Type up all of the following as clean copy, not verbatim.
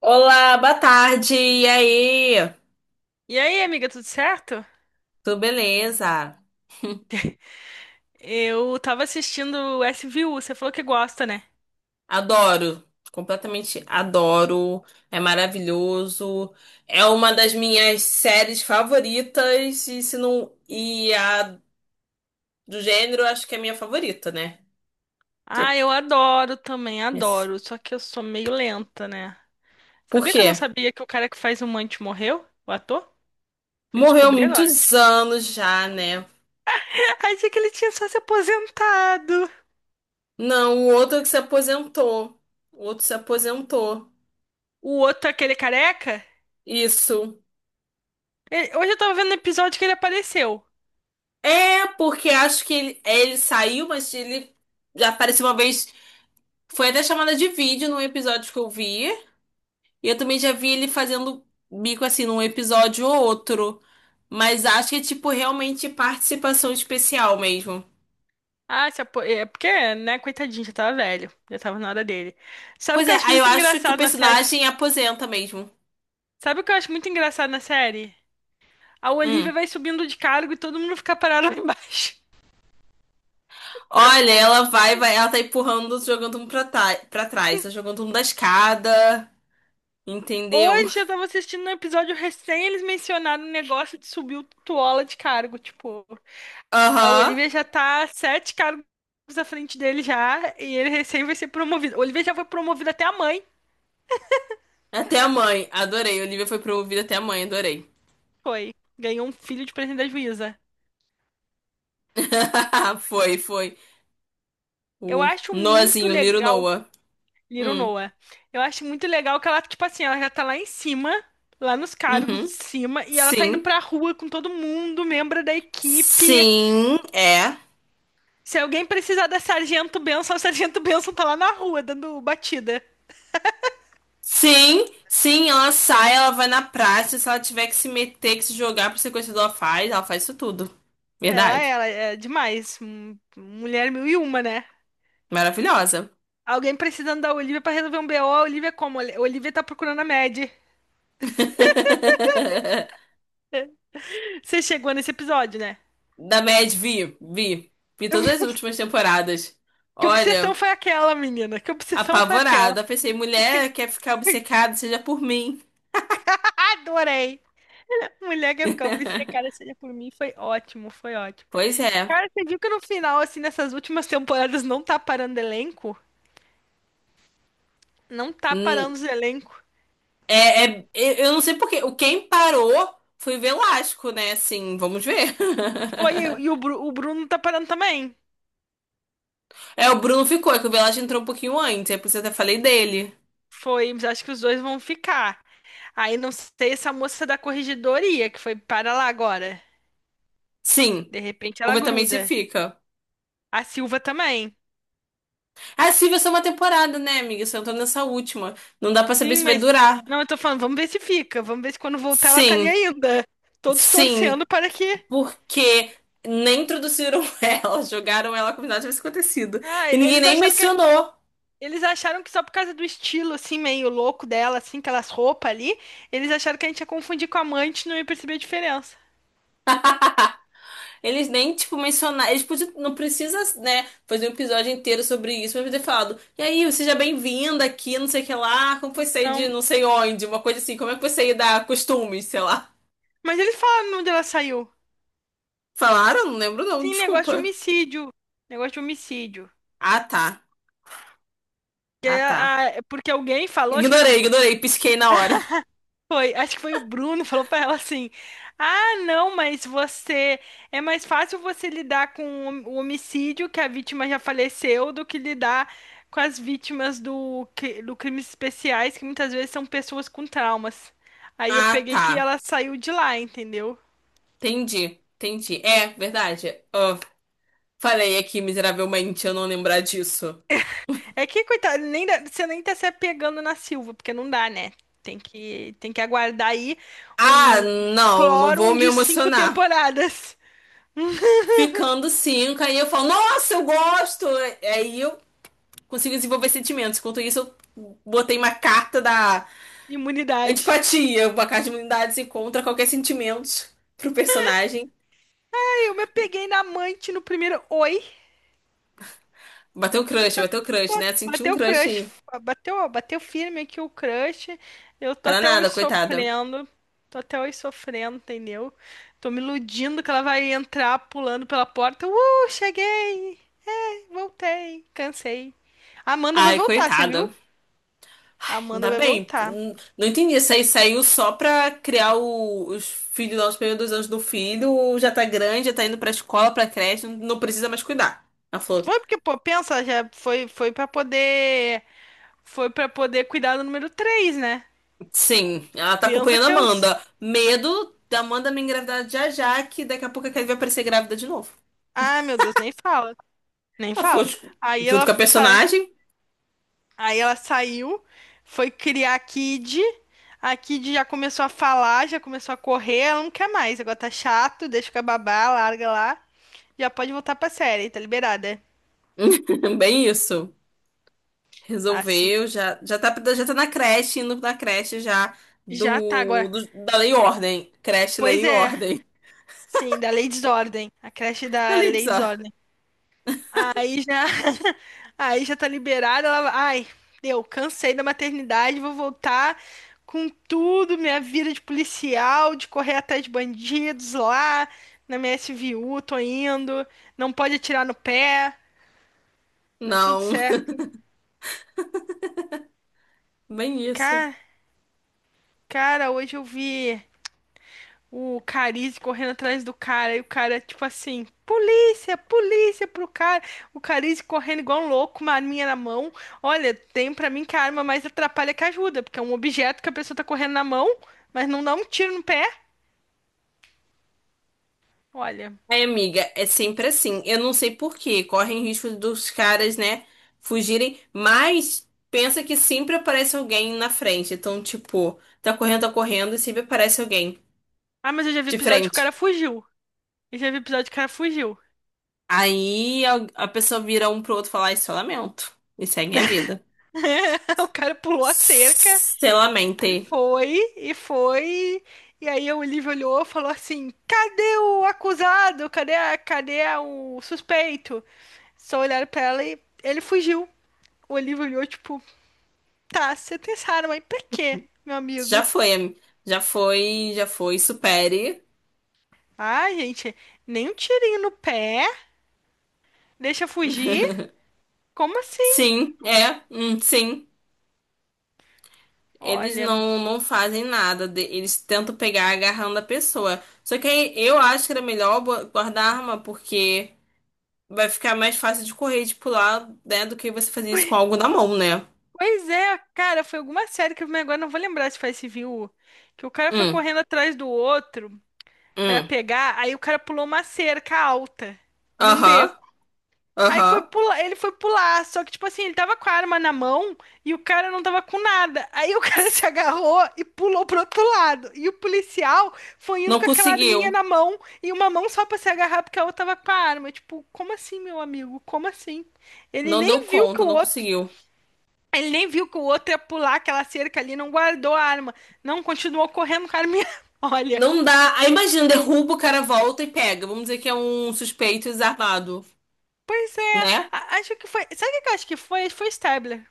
Olá, boa tarde. E aí? E aí, amiga, tudo certo? Tudo beleza? Eu tava assistindo SVU, você falou que gosta, né? Adoro. Completamente adoro. É maravilhoso. É uma das minhas séries favoritas e se não e a do gênero, acho que é a minha favorita, né? Ah, Tipo, eu adoro também, esse- adoro. Só que eu sou meio lenta, né? por Sabia que eu quê? não sabia que o cara que faz o Mandy morreu? O ator? Fui Morreu descobrir agora. muitos anos já, né? Achei que ele tinha só se aposentado. Não, o outro que se aposentou. O outro se aposentou. O outro, aquele careca? Isso. Hoje eu tava vendo o episódio que ele apareceu. É, porque acho que ele saiu, mas ele já apareceu uma vez. Foi até chamada de vídeo num episódio que eu vi. E eu também já vi ele fazendo bico assim num episódio ou outro. Mas acho que é tipo realmente participação especial mesmo. Ah, se apo... é porque, né, coitadinho, já tava velho. Já tava na hora dele. Sabe o Pois que é, eu acho aí eu muito acho que o engraçado na série? personagem aposenta mesmo. Sabe o que eu acho muito engraçado na série? A Hum. Olivia vai subindo de cargo e todo mundo fica parado lá embaixo. Olha, ela vai, ela tá empurrando, jogando um pra, pra trás, tá jogando um da escada, entendeu? Hoje eu tava assistindo um episódio recém, eles mencionaram o negócio de subir o Tuola de cargo. Tipo, a Aham. Olivia já tá sete cargos à frente dele já, e ele recém vai ser promovido. A Olivia já foi promovida até a mãe, Até a mãe, adorei. Olivia foi pro ouvido até a mãe, adorei. foi. Ganhou um filho de presente da juíza. Foi, foi. Eu O acho muito Noahzinho, o Little legal Noah. Little Hum. Noah. Eu acho muito legal que ela, tipo assim, ela já tá lá em cima, lá nos cargos de Uhum. cima, e ela tá indo Sim. pra rua com todo mundo, membro da equipe. Sim, é. Se alguém precisar da Sargento Benção, a Sargento Benção tá lá na rua dando batida. Sim, sim, ela sai, ela vai na praça. Se ela tiver que se meter, que se jogar pro sequestrador, ela faz isso tudo. Ela, Verdade. ela, é demais. Mulher mil e uma, né? Maravilhosa. Alguém precisando da Olivia pra resolver um BO, a Olivia é como? A Olivia tá procurando a Mad. Você chegou nesse episódio, né? Da Mad, vi, vi. Vi todas as últimas temporadas. Que Olha, obsessão foi aquela, menina? Que obsessão foi aquela? apavorada. Pensei, mulher quer ficar obcecada, seja por mim. Adorei! Mulher que ia ficar obcecada seja por mim, foi ótimo, foi ótimo. Pois é. Cara, você viu que no final, assim, nessas últimas temporadas, não tá parando elenco? Não tá Hum, parando os elencos. É, é- eu não sei por quê. O quem parou foi o Velasco, né? Assim, vamos ver. Foi, e o, o Bruno tá parando também. É, o Bruno ficou, é que o Velasco entrou um pouquinho antes, é por isso que eu até falei dele. Foi, mas acho que os dois vão ficar. Aí não sei essa moça da corregedoria que foi para lá agora. Sim, De repente ela vamos ver também se gruda. fica. A Silva também. Ah, Silvia é só uma temporada, né, amiga? Só entrou nessa última. Não dá pra saber Sim, se vai mas. durar. Não, eu tô falando, vamos ver se fica. Vamos ver se quando voltar ela tá ali Sim, ainda. Todos sim, torcendo para que. porque nem introduziram ela, jogaram ela como se nada tivesse acontecido. Ah, E ninguém eles nem acharam que. mencionou. Eles acharam que só por causa do estilo, assim, meio louco dela, assim, aquelas roupas ali, eles acharam que a gente ia confundir com a amante e não ia perceber a diferença. Eles nem, tipo, mencionaram. Eles podiam, não precisa, né, fazer um episódio inteiro sobre isso, mas podia ter falado. E aí, seja bem-vinda aqui, não sei o que lá. Como foi sair Não. de não sei onde? Uma coisa assim, como é que foi sair da costumes, sei lá. Mas eles falaram onde ela saiu. Falaram? Não lembro não, Sim, negócio de desculpa. homicídio. Negócio de homicídio. Ah, tá. Que Ah, é tá. É, porque alguém falou, acho que foi o Ignorei, Bruno, ignorei, pisquei na hora. foi, acho que foi o Bruno, falou pra ela assim: ah, não, mas você é mais fácil você lidar com o homicídio que a vítima já faleceu do que lidar com as vítimas do, do crimes especiais, que muitas vezes são pessoas com traumas. Aí eu Ah, peguei que tá. ela saiu de lá, entendeu? Entendi, entendi. É, verdade. Ah, falei aqui miseravelmente eu não lembrar disso. É que, coitado, nem dá- você nem tá se apegando na Silva, porque não dá, né? Tem que aguardar aí Ah, um não, não vou Clórum me de cinco emocionar. temporadas. Ficando cinco, aí eu falo, nossa, eu gosto! Aí eu consigo desenvolver sentimentos. Enquanto isso, eu botei uma carta da Imunidade. antipatia, uma carta de imunidade contra qualquer sentimento pro personagem. Aí eu me peguei na amante no primeiro oi. Bateu o crush, né? Senti um Bateu o crush crush. aí. Bateu, bateu firme aqui o crush. Eu tô Para até nada, hoje coitada. sofrendo. Tô até hoje sofrendo, entendeu? Tô me iludindo que ela vai entrar pulando pela porta. Cheguei! Voltei. Cansei. A Amanda vai Ai, voltar, você viu? coitada. A Amanda Ainda vai bem. voltar. Não entendi. Isso aí saiu só pra criar os filhos lá, os primeiros dois anos do filho. Já tá grande, já tá indo pra escola, pra creche, não precisa mais cuidar. Ela falou, Foi porque, pô, pensa, já foi, foi para poder. Foi pra poder cuidar do número 3, né? sim, ela tá Pensa acompanhando a que eu Amanda. Medo da Amanda me engravidar já já, que daqui a pouco a Kelly vai aparecer grávida de novo. ah, meu Deus, nem fala, nem Ela foi fala. Aí junto ela com a sai, personagem, aí ela saiu, foi criar a Kid. A Kid já começou a falar, já começou a correr, ela não quer mais. Agora tá chato, deixa com a babá, larga lá. Já pode voltar pra série, tá liberada. bem isso. Assim Resolveu, que já, já tá na creche, indo na creche já já tá do, agora. Da Lei e Ordem. Creche, Lei Pois e é, Ordem. sim, da Lei Desordem, a creche da Lei Elitza. Desordem. Aí já, aí já tá liberada. Ela, ai, deu, cansei da maternidade, vou voltar com tudo, minha vida de policial, de correr atrás de bandidos lá na minha SVU, tô indo. Não pode atirar no pé, mas tudo Não, certo. bem isso. Cara, cara, hoje eu vi. O Carize correndo atrás do cara, e o cara, tipo assim, polícia, polícia pro cara. O Carize correndo igual um louco, uma arminha na mão. Olha, tem pra mim que a arma mais atrapalha que ajuda, porque é um objeto que a pessoa tá correndo na mão, mas não dá um tiro no pé. Olha. Ai, amiga, é sempre assim. Eu não sei por quê. Correm risco dos caras, né, fugirem, mas pensa que sempre aparece alguém na frente. Então, tipo, tá correndo e sempre aparece alguém Ah, mas eu já vi de episódio que o frente. cara fugiu. Eu já vi episódio que o cara fugiu. Aí a pessoa vira um pro outro e fala, isso eu lamento. E segue a vida. O cara pulou a cerca Se e lamente. foi, e foi. E aí o Olivia olhou e falou assim: cadê o acusado? Cadê, a, o suspeito? Só olharam pra ela e ele fugiu. O Olívio olhou, tipo, tá, você tem essa arma aí pra quê, meu Já amigo? foi, já foi, já foi, supere. Ah, gente, nem um tirinho no pé, deixa fugir? Como assim? Sim, é, sim. Eles Olha, não, não fazem nada, eles tentam pegar agarrando a pessoa. Só que aí eu acho que era melhor guardar a arma, porque vai ficar mais fácil de correr e de pular, né, do que você fazer isso com algo na mão, né? pois é, cara, foi alguma série que eu agora não vou lembrar se foi Civil, que o cara foi Hum, correndo atrás do outro pra hum, pegar, aí o cara pulou uma cerca alta num aham, beco. Aí foi aham. pular, ele foi pular, só que tipo assim, ele tava com a arma na mão e o cara não tava com nada. Aí o cara se agarrou e pulou pro outro lado. E o policial foi indo Não com aquela arminha conseguiu, na mão e uma mão só pra se agarrar porque a outra tava com a arma. Tipo, como assim, meu amigo? Como assim? Ele não deu nem viu que conta, o não outro, conseguiu. ele nem viu que o outro ia pular aquela cerca ali, não guardou a arma. Não, continuou correndo com a arminha. Olha, Não dá. Aí imagina, derruba, o cara volta e pega. Vamos dizer que é um suspeito desarmado, pois é, né? Acho que foi, sabe o que eu acho que foi? Foi Stabler.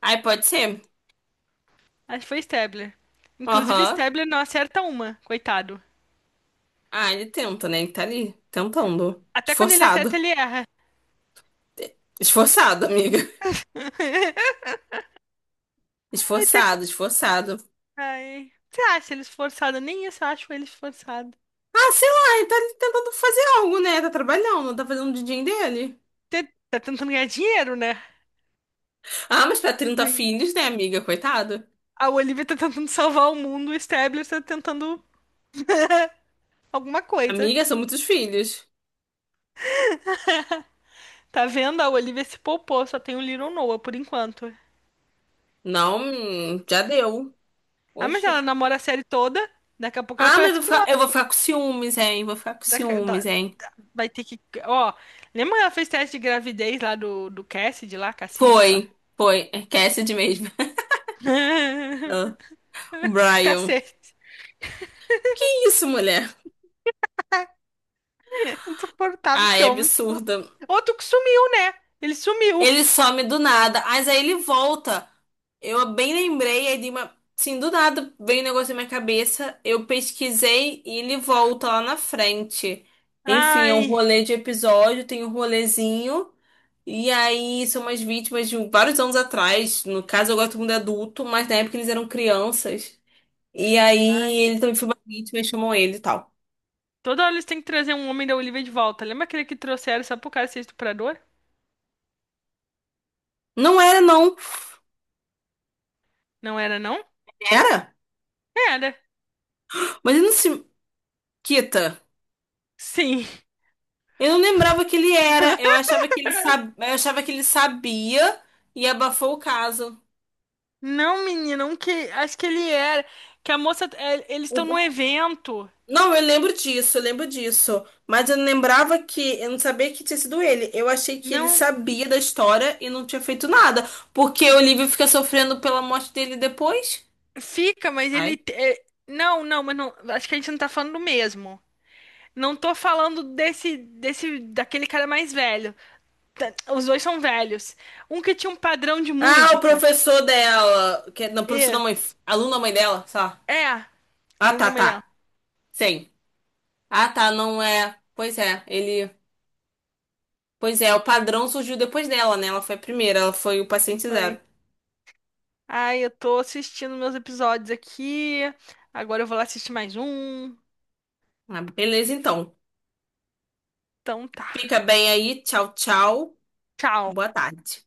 Aí pode ser. Acho que foi Stabler. Inclusive, Aham. Stabler não acerta uma, coitado. Ah, ele tenta, né? Ele tá ali, tentando. Até quando ele acerta, Esforçado. ele erra. Esforçado, amiga. Ai, tem co- Esforçado, esforçado. Ai. Você acha ele esforçado? Nem isso eu acho ele esforçado. Ah, sei lá, ele tá ali tentando fazer algo, né? Tá trabalhando, tá fazendo o din dele. Você tá tentando ganhar dinheiro, né? Ah, mas pra 30 Ai. filhos, né, amiga? Coitado. A Olivia tá tentando salvar o mundo, o Stabler tá tentando alguma coisa. Amiga, são muitos filhos. Tá vendo? A Olivia se poupou, só tem o Little Noah por enquanto. Não, já deu. Ah, mas ela Oxi. namora a série toda, daqui a pouco ela Ah, mas aparece com eu vou outro. ficar com ciúmes, hein? Vou ficar com Daqui- ciúmes, da- hein? vai ter que. Ó, lembra que ela fez teste de gravidez lá do, do Cassidy, lá, Cassidy, sei lá. Foi, foi. É Cassidy mesmo. O Brian. Cacete. Que isso, mulher? Insuportável Ah, esse é homem. Absurdo. Outro que sumiu, né? Ele sumiu. Ele some do nada, mas aí ele volta. Eu bem lembrei, aí de uma. Sim, do nada veio um negócio na minha cabeça. Eu pesquisei e ele volta lá na frente. Enfim, é um Ai, rolê de episódio, tem um rolezinho. E aí são umas vítimas de um, vários anos atrás. No caso, agora todo mundo é adulto, mas na época eles eram crianças. E aí ai. ele também foi uma vítima e chamam ele e tal. Toda hora eles têm que trazer um homem da Olivia de volta. Lembra aquele que trouxeram só pro cara ser estuprador? Não era, não. Não era, não? Era? Era. Mas ele não se quita. Sim. Eu não lembrava que ele era. Eu achava que ele sab... eu achava que ele sabia e abafou o caso. Não, menina, um que. Acho que ele era. Que a moça. É, eles estão O- num o- evento. Não, eu lembro disso, eu lembro disso. Mas eu não lembrava que. Eu não sabia que tinha sido ele. Eu achei que ele Não. sabia da história e não tinha feito nada. Porque o Olivia fica sofrendo pela morte dele depois. Fica, mas Ai, ele. É, não, não, mas não. Acho que a gente não tá falando do mesmo. Não tô falando desse, desse, daquele cara mais velho. Tá, os dois são velhos. Um que tinha um padrão de ah, o música. professor dela. Não, professor da E mãe. Aluno da mãe dela, sei lá. é, Ah, tá, aluno melhor. tá. Sim. Ah, tá, não é. Pois é, ele. Pois é, o padrão surgiu depois dela, né? Ela foi a primeira, ela foi o paciente Foi. zero. Ai, eu tô assistindo meus episódios aqui. Agora eu vou lá assistir mais um. Ah, beleza, então. Então tá. Fica bem aí. Tchau, tchau. Tchau. Boa tarde.